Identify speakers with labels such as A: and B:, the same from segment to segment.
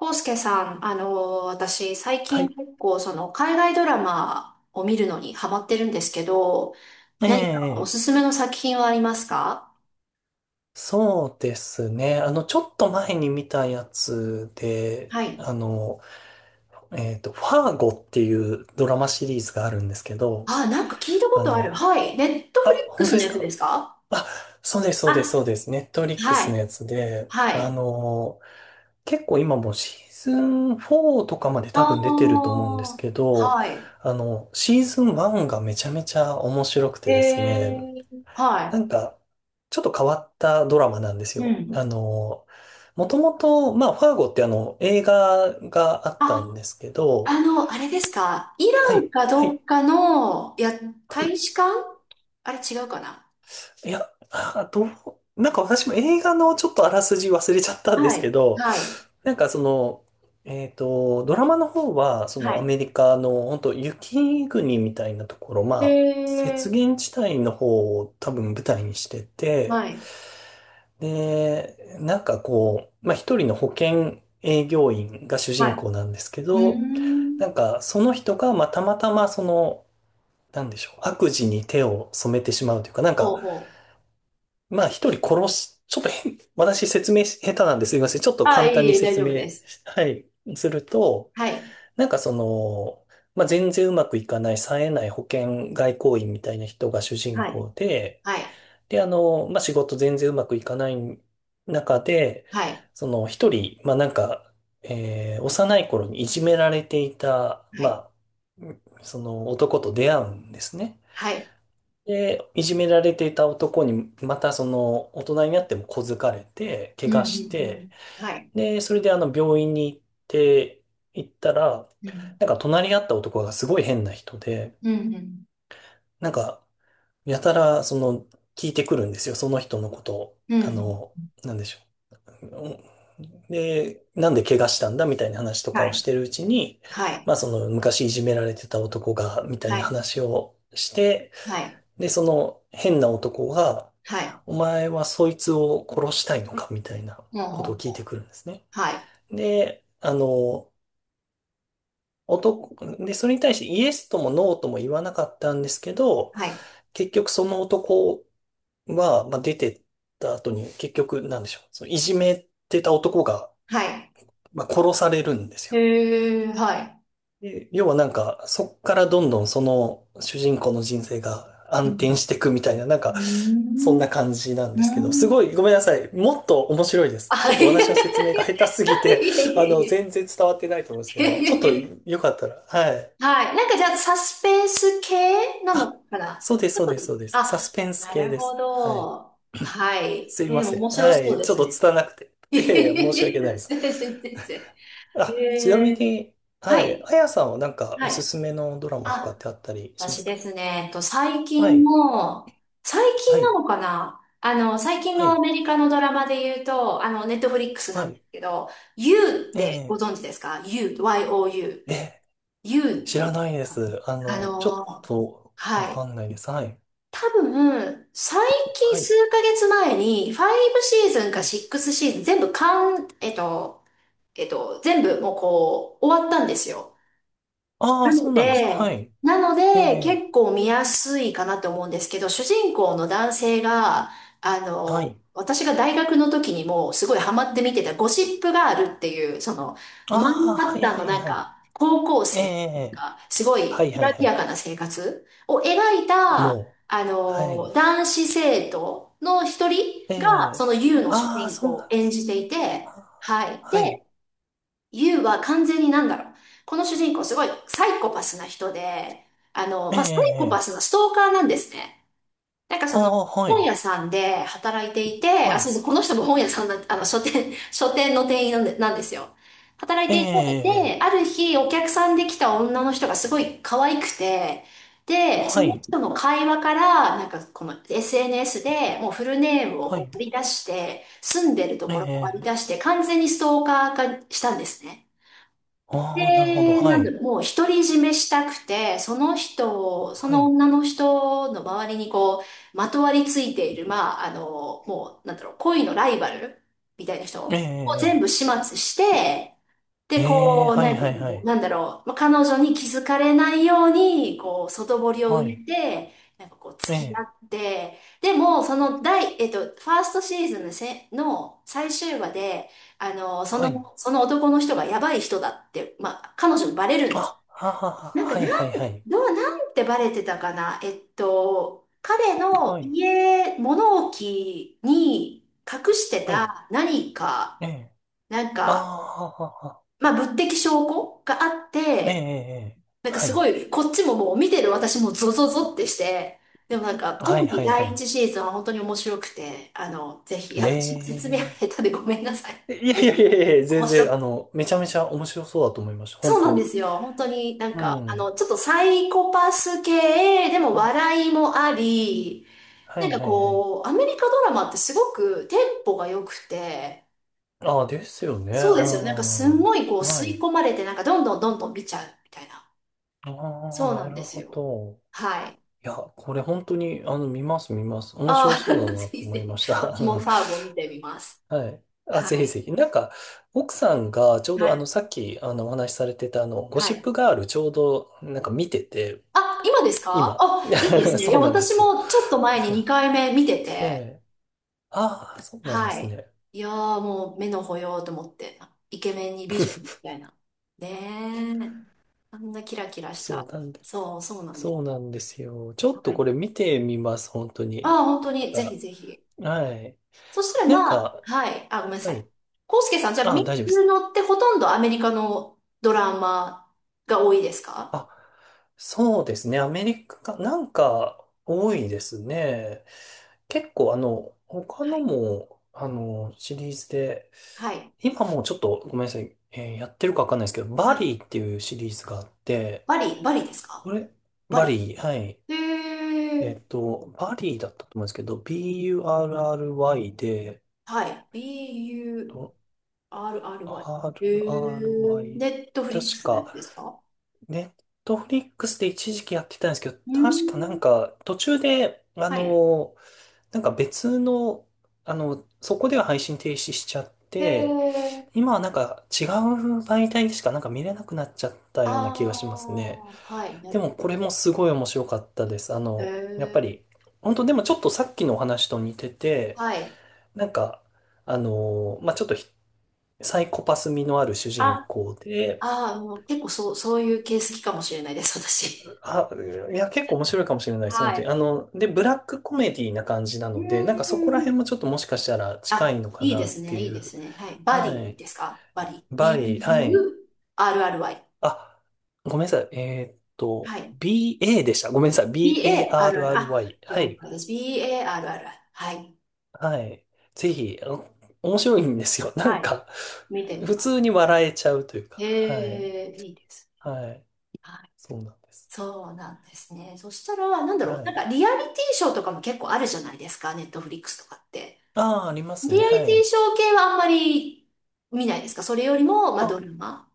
A: 康介さん、私、最
B: は
A: 近
B: い。
A: 結構、海外ドラマを見るのにハマってるんですけど、
B: え
A: 何かお
B: え、
A: すすめの作品はありますか？
B: そうですね。ちょっと前に見たやつで、
A: はい。
B: ファーゴっていうドラマシリーズがあるんですけど、
A: あ、なんか聞いたこ
B: あ
A: とある。
B: の、
A: はい。ネットフ
B: あ、
A: リック
B: 本当
A: ス
B: で
A: の
B: す
A: やつ
B: か
A: ですか？
B: あ？そうです、そうです、
A: あ、
B: そうです。ネットリック
A: は
B: スの
A: い。
B: やつで、
A: はい。
B: 結構今もうシーズン4とかまで多
A: あ
B: 分出てると思うんです
A: あ、
B: けど、
A: はい。
B: シーズン1がめちゃめちゃ面白く
A: へ
B: てですね、
A: え、
B: な
A: は
B: んか、ちょっと変わったドラマなんです
A: い。う
B: よ。
A: ん。
B: もともと、まあ、ファーゴって映画があったん
A: あ、
B: ですけど、
A: あれですか。イ
B: は
A: ラン
B: い、
A: か
B: は
A: ど
B: い、
A: っかの、いや、
B: は
A: 大
B: い。
A: 使館？あれ違うかな？
B: いや、あ、なんか私も映画のちょっとあらすじ忘れちゃったんで
A: は
B: すけ
A: い。
B: ど、
A: はい。
B: なんかその、ドラマの方は、そ
A: は
B: のア
A: い。
B: メリカの、本当雪国みたいなところ、ま
A: へ
B: あ、雪
A: え、
B: 原地帯の方を多分舞台にしてて、
A: はい、
B: で、なんかこう、まあ、一人の保険営業員が主
A: は
B: 人
A: い。
B: 公なんですけ
A: うー
B: ど、な
A: ん。
B: んかその人が、まあ、たまたまその、なんでしょう、悪事に手を染めてしまうというか、なんか、
A: ほうほう。
B: まあ一人殺し、ちょっと変、私説明し下手なんですいません。ちょっと
A: ああ、
B: 簡
A: いえ
B: 単
A: い
B: に
A: え、大
B: 説
A: 丈夫で
B: 明、
A: す。
B: はい、すると、
A: はい、
B: なんかその、まあ全然うまくいかない、冴えない保険外交員みたいな人が主人
A: はい、
B: 公で、
A: はい、
B: で、まあ、仕事全然うまくいかない中で、
A: はい、
B: その一人、まあ、なんか、幼い頃にいじめられていた、
A: はい、
B: まあ、その男と出会うんですね。
A: はい、
B: で、いじめられていた男に、またその大人になっても小づかれて、
A: う
B: 怪
A: ん、うん、
B: 我して、
A: うんはい、
B: で、それで病院にて、行ったら、
A: うん。
B: なんか隣り合った男がすごい変な人で、
A: うん、
B: なんかやたら、聞いてくるんですよ。その人のことを。
A: うん、うん。
B: なんでしょう。うんで、なんで怪我したんだみたいな話とか
A: は
B: をし
A: い、
B: てるうちに、
A: はい、
B: まあその昔いじめられてた男が、みたい
A: は
B: な
A: い、
B: 話をして、
A: はい、
B: で、その変な男が、
A: はい、
B: お前はそいつを殺したいのかみたいな
A: ほう
B: こ
A: ほ
B: とを
A: う
B: 聞い
A: ほ
B: て
A: う。
B: くるんですね。
A: はい、
B: で、男、で、それに対してイエスともノーとも言わなかったんですけど、
A: はい、
B: 結局その男は、まあ、出てった後に結局なんでしょう。そのいじめてた男が、
A: はい。
B: まあ、殺されるんですよ。
A: へえ、は
B: で要はなんか、そっからどんどんその主人公の人生が
A: い。
B: 暗
A: う
B: 転
A: ん、
B: していくみたいな、なん
A: う
B: か、
A: ー
B: そ
A: ん、
B: んな感じなん
A: う
B: ですけど、す
A: ー
B: ご
A: ん。
B: いごめんなさい。もっと面白いです。ち
A: は
B: ょっと
A: い。
B: 私の説明
A: い
B: が下手すぎて、
A: えいえ いえい
B: 全
A: え
B: 然伝わってないと思うんですけ
A: い
B: ど、ちょ
A: え
B: っ
A: い
B: と
A: え
B: よかったら、はい。
A: はい。なんかじゃあ、サスペンス系な
B: あ、
A: のかな？
B: そうです、そうです、そうです。サス
A: あ、
B: ペンス
A: な
B: 系
A: る
B: で
A: ほ
B: す。はい。
A: ど。はい。
B: すいませ
A: 面
B: ん。
A: 白
B: は
A: そう
B: い。
A: で
B: ちょっ
A: す
B: と
A: ね。
B: 拙なくて。いやいや、申し訳ないです。
A: 全然、全然。
B: あ、ちなみ
A: えー、
B: に、は
A: は
B: い。
A: い。
B: あやさんはなんかお
A: は
B: す
A: い。
B: すめのドラマとか
A: あ、
B: ってあったりしま
A: 私
B: すか？
A: ですね、最
B: は
A: 近
B: い。
A: の、最
B: は
A: 近
B: い。
A: なのかな最近
B: は
A: のア
B: い。
A: メリカのドラマで言うと、ネットフリックス
B: は
A: なんで
B: い。
A: すけど、You ってご
B: え
A: 存知ですか？ You、Y-O-U。
B: え
A: You っ
B: え、知
A: ていう、
B: らないです。
A: あ
B: ちょっ
A: の
B: とわ
A: はい。
B: かんないです。はい。
A: 多分、最近
B: はい。
A: 数ヶ月前に、5シーズンか6シーズン全部完、全部もうこう、終わったんですよ。
B: ああ
A: な
B: ー、そ
A: の
B: うなんですか。は
A: で、
B: い。
A: なの
B: え
A: で、
B: え
A: 結構見やすいかなと思うんですけど、主人公の男性が、
B: はい。
A: 私が大学の時にもすごいハマって見てたゴシップガールっていう、その、
B: あ
A: マ
B: あ、
A: ンハ
B: は
A: ッ
B: い
A: タン
B: は
A: の
B: い
A: なん
B: はい。
A: か、高校
B: え
A: 生
B: え
A: が、すご
B: は
A: い、
B: い
A: き
B: はい
A: ら
B: は
A: び
B: い。
A: やかな生活を描いた、
B: もう。はい。
A: 男子生徒の一人
B: え
A: が、そ
B: え
A: の U の主
B: ああ、
A: 人公
B: そう
A: を
B: なんで
A: 演
B: すね。
A: じていて、
B: あ
A: はい。
B: ーはい。
A: でユウは完全になんだろう。この主人公すごいサイコパスな人で、
B: え
A: まあ、サイコパ
B: ええ
A: ス
B: え
A: のストーカーなんですね。なんかその、
B: ああー、は
A: 本
B: い。
A: 屋さんで働いていて、
B: は
A: あ、そう
B: い。
A: そう、この人も本屋さんなん、書店、書店の店員なんで、なんですよ。働い
B: え
A: ていて、で、
B: ええ
A: あ
B: え
A: る日お客さんで来た女の人がすごい可愛くて、で、
B: は
A: その
B: い。
A: 人の会話から、なんかこの SNS でもうフルネームを
B: は
A: こ
B: い。
A: う割り出して、住んでると
B: え
A: ころを割り出
B: え。
A: して、完全にストーカー化したんですね。
B: ああ、なるほど。
A: で、
B: は
A: なんだ
B: い。
A: ろう、もう独り占めしたくて、その人を、そ
B: は
A: の
B: い。
A: 女の人の周りにこう、まとわりついている、まあ、もう、なんだろう、恋のライバルみたいな人
B: え
A: を全
B: え。
A: 部始末して、
B: え
A: で、
B: え。ええ
A: こう、
B: は
A: な
B: い、はい、
A: ん
B: はい。
A: なんだろう、まあ、彼女に気づかれないように、こう、外堀を埋
B: はい。
A: めて、なんかこう、
B: え
A: 付き合
B: え。
A: って、でも、その第、ファーストシーズンのせ、の最終話で、そ
B: はい。
A: の、その男の人がやばい人だって、まあ、彼女にバレるんです。
B: あ、あはは、
A: なんか、
B: はい、は
A: な
B: い、
A: ん、
B: はい。
A: どう、なんてバレてたかな。彼の
B: はい。
A: 家、物置に隠して
B: はい。
A: た何か、
B: ええ。
A: なん
B: ああ、
A: か、
B: ははは。
A: まあ、物的証拠があっ
B: ええ。
A: て、
B: ええ
A: なんか
B: は
A: す
B: い。
A: ごい、こっちももう見てる私もゾゾゾってして、でもなんか、
B: は
A: 特
B: い、
A: に
B: はい、は
A: 第
B: い。
A: 一シーズンは本当に面白くて、ぜひ、い
B: え
A: や、私も説明
B: え。
A: 下手でごめんなさい。
B: いやいやいやいや、全
A: 面白
B: 然、
A: く。
B: めちゃめちゃ面白そうだと思いました。
A: そ
B: 本
A: う
B: 当
A: なんで
B: に。
A: すよ。本当になん
B: う
A: か、
B: ん。
A: ちょっとサイコパス系、でも
B: はい。
A: 笑いもあり、
B: は
A: なん
B: い、
A: か
B: はい、はい。
A: こう、アメリカドラマってすごくテンポが良くて、
B: ああ、ですよね。う
A: そうですよね。なんかすん
B: ん。
A: ごいこう吸
B: は
A: い
B: い。
A: 込まれて、なんかどんどんどんどん見ちゃうみたいな。
B: ああ、
A: そうな
B: な
A: んで
B: る
A: す
B: ほ
A: よ。
B: ど。
A: はい。
B: いや、これ本当に、見ます、見ます。面白
A: ああ、
B: そう だな
A: ぜ
B: って
A: ひ
B: 思
A: ぜ
B: いま
A: ひ。
B: した。
A: 私
B: う
A: も
B: ん
A: ファーゴを見てみます。
B: はい。あ、ぜ
A: は
B: ひ
A: い。
B: ぜひ。なんか、奥さんがちょう
A: は
B: ど、
A: い。
B: さっき、お話しされてた、ゴ
A: は
B: シッ
A: い。
B: プガール、ちょうど、なんか見てて、
A: あ、今ですか？
B: 今。
A: あ、いいです ね。い
B: そ
A: や、
B: うなんで
A: 私
B: すよ。
A: もちょっと前に2回目見て
B: え
A: て、
B: え。ああ、そうなんで
A: は
B: す
A: い。
B: ね。
A: いやーもう目の保養と思って、イケメンに美女み たいな。ねえ。あんなキラキラし
B: そう
A: た。
B: なんで、
A: そう、そうなんで
B: そ
A: す。
B: うなんですよ。ちょっ
A: は
B: とこ
A: い。
B: れ見てみます、本当に。
A: ああ、本当
B: なん
A: に、ぜひ
B: か、
A: ぜひ。
B: はい。
A: そしたら
B: なん
A: まあ、
B: か、
A: はい。あ、ごめんなさ
B: は
A: い。
B: い。
A: コウスケさん、じゃあ
B: あ、
A: 見
B: 大丈夫で
A: る
B: す。
A: のってほとんどアメリカのドラマが多いですか？
B: あ、そうですね。アメリカ、なんか多いですね。結構他
A: は
B: の
A: い。
B: も、シリーズで、
A: はい。
B: 今もうちょっとごめんなさい、やってるかわかんないですけど、
A: は
B: バ
A: い。
B: リーっていうシリーズがあって、
A: バリです
B: こ
A: か？
B: れ、
A: バ
B: バ
A: リ。
B: リー、はい。
A: へー。
B: バリーだったと思うんですけど、BURRY で、
A: はい。B-U-R-R-Y。
B: と
A: へー。
B: RRY、
A: ネットフリック
B: 確
A: スのや
B: か、
A: つですか？
B: ネットフリックスで一時期やってたんですけど、
A: うー
B: 確かなん
A: ん。
B: か途中で、
A: はい。
B: なんか別の、そこでは配信停止しちゃっ
A: へ
B: て、
A: ー。
B: 今はなんか違う媒体でしかなんか見れなくなっちゃったような気
A: あ
B: がしますね。
A: ー。はい。な
B: で
A: る
B: も
A: ほ
B: これ
A: ど。
B: もすごい面白かったです。
A: へ
B: やっぱ
A: ー。
B: り、本当でもちょっとさっきのお話と似てて、
A: はい。
B: なんか、まあ、ちょっとサイコパス味のある主人
A: あ、
B: 公で、
A: ああ、もう結構そう、そういう系好きかもしれないです、私。
B: あ、いや、結構面白いかもしれないです、
A: は
B: 本当に。
A: い。
B: で、ブラックコメディな感じな
A: うー
B: ので、なんかそこら辺
A: ん。
B: もちょっともしかしたら近
A: あ、
B: いのか
A: いい
B: な
A: で
B: っ
A: す
B: て
A: ね、いい
B: い
A: で
B: う。
A: すね。はい。バデ
B: は
A: ィ
B: い。
A: ですか？バディ。
B: バリー、はい。
A: B-U-R-R-Y。
B: あ、ごめんなさい。
A: はい。
B: BA でした。ごめんなさい。
A: B-A-R-R。あ、
B: BARRY。は
A: 了
B: い。
A: 解です。B-A-R-R。はい。
B: はい。ぜひ、面白いんですよ。なん
A: はい。
B: か、
A: 見てみ
B: 普
A: ま
B: 通
A: す。
B: に
A: は
B: 笑えちゃうという
A: い、
B: か。はい。
A: へえ、いいです。
B: はい。
A: はい。
B: そうなんです。
A: そうなんですね。そしたら、なんだろ
B: は
A: う。なん
B: い。
A: か、リアリティショーとかも結構あるじゃないですか。ネットフリックスとかって。
B: ああ、あります
A: リ
B: ね。
A: アリ
B: は
A: ティ
B: い。
A: ショー系はあんまり見ないですか？それよりも、まあ、
B: あ、
A: ドラマ。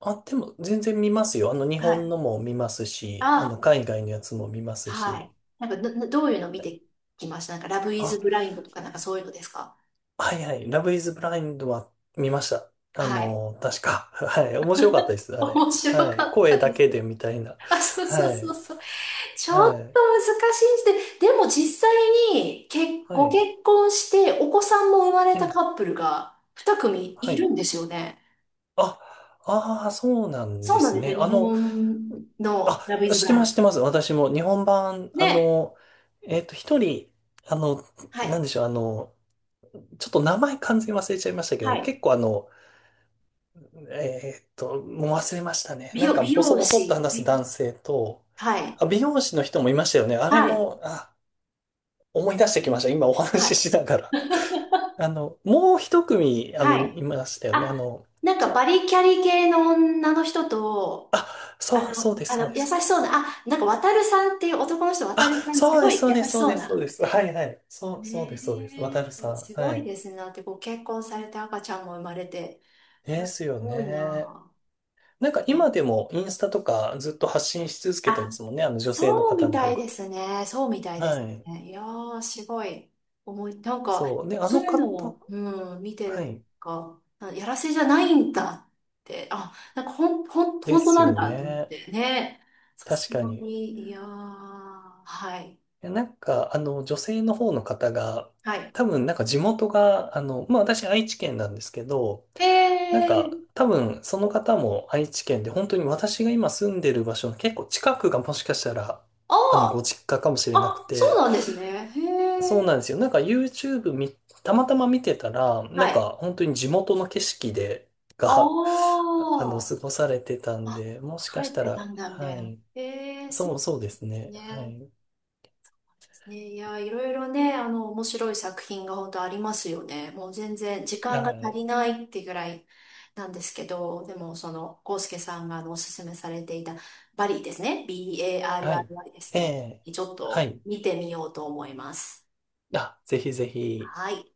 B: あ、でも全然見ますよ。日
A: は
B: 本
A: い。
B: のも見ますし、
A: あ
B: 海外のやつも見ます
A: はい。
B: し。
A: なんか、ど、どういうの見てきました？なんか、ラブイズ
B: あ、
A: ブラインドとか、なんかそういうのですか？
B: はいはい。ラブイズブラインドは見ました。
A: はい。
B: 確か。はい。面白かったです、あ
A: 面
B: れ。
A: 白
B: は
A: か
B: い。
A: っ
B: 声
A: た
B: だ
A: です。
B: けでみたいな。
A: あ、そう
B: は
A: そうそう
B: い。
A: そう。ちょっ
B: はい。
A: と難しいです。でも実際に、け、
B: は
A: ご
B: い。
A: 結婚して、お子さんも生まれ
B: え
A: た
B: え、
A: カップルが2組
B: は
A: いる
B: い。
A: んですよね。
B: あ、ああ、そうなん
A: そ
B: で
A: うなん
B: す
A: ですよ。
B: ね。
A: 日本のラブイ
B: あ、
A: ズ
B: 知
A: ブ
B: って
A: ライ
B: ま
A: ン
B: す、知
A: ド。
B: ってます。私も日本版、
A: ね。
B: 一人、あの、
A: は
B: な
A: い。
B: んでしょう、ちょっと名前完全に忘れちゃいましたけ
A: は
B: ど、
A: い。
B: 結構もう忘れましたね。なんか
A: 美
B: ボソ
A: 容
B: ボソっと
A: 師。
B: 話す男性と、
A: はい。
B: あ、美容師の人もいましたよね。あれ
A: はい。
B: も、あ、思い出してきました。今お
A: は
B: 話
A: い。
B: ししながら。もう一組、
A: は
B: いい
A: い。
B: ましたよね。
A: あ、なん
B: ち
A: か
B: ょ、
A: バリキャリ系の女の人と、
B: あ、
A: あ
B: そう、
A: の、
B: そうです、
A: あ
B: そう
A: の、
B: で
A: 優
B: す、そう
A: し
B: で
A: そ
B: す。
A: うな、あ、なんか渡るさんっていう男の人、渡
B: あ、
A: るさん、す
B: そう
A: ご
B: です、
A: い
B: そうで
A: 優
B: す、
A: し
B: そう
A: そ
B: で
A: う
B: す、そう
A: な。
B: です。はい、はい。そう、そうです、そうです。
A: ね
B: 渡るさ
A: え、
B: ん。
A: す
B: は
A: ごい
B: い。
A: ですね。だってご結婚されて赤ちゃんも生まれて。いや、
B: で
A: す
B: すよ
A: ごい
B: ね。
A: な。
B: なんか今でもインスタとかずっと発信し続けてま
A: あ、
B: すもんね。あの女性の
A: そう
B: 方
A: み
B: の
A: た
B: 方
A: い
B: が。
A: ですね。そうみたいです
B: はい。
A: ね。いやー、すごい。思い、なんか、
B: そう。ね、あ
A: そう
B: の
A: いうの
B: 方、
A: を、うん、見て
B: は
A: ると
B: い。
A: か、あやらせじゃないんだって、あ、なんか、ほん、ほん、
B: で
A: 本当
B: す
A: なん
B: よ
A: だと思っ
B: ね。
A: てね。さす
B: 確か
A: が
B: に。い
A: に、いやー、はい。
B: やなんか、女性の方の方が、
A: はい。
B: 多分、なんか地元が、まあ、私、愛知県なんですけど、
A: へ
B: なんか、
A: え、
B: 多分、その方も愛知県で、本当に私が今住んでる場所の結構近くがもしかしたら、ご
A: あ
B: 実家かもし
A: あ
B: れなく
A: あ、そう
B: て、
A: なんですね。へ
B: そうな
A: え、
B: んですよ。なんか YouTube たまたま見てたら、な
A: は
B: ん
A: い。
B: か本当に地元の景色で、が、
A: ああ
B: 過ごされてたん
A: あ、
B: で、もし
A: 帰
B: かし
A: っ
B: た
A: てた
B: ら、
A: んだ、みた
B: は
A: いな。
B: い。
A: へえ、そう
B: そう、
A: で
B: そうです
A: す
B: ね。は
A: ね。
B: い。
A: ね、いや、いろいろね、面白い作品が本当ありますよね。もう全然時
B: は
A: 間が足
B: い。
A: りないってぐらいなんですけど、でもその、コウスケさんがおすすめされていたバリーですね。
B: はい。
A: B-A-R-R-Y です
B: え
A: ね。
B: え
A: ちょっ
B: は
A: と
B: い。
A: 見てみようと思います。
B: あ、ぜひぜひ。
A: はい。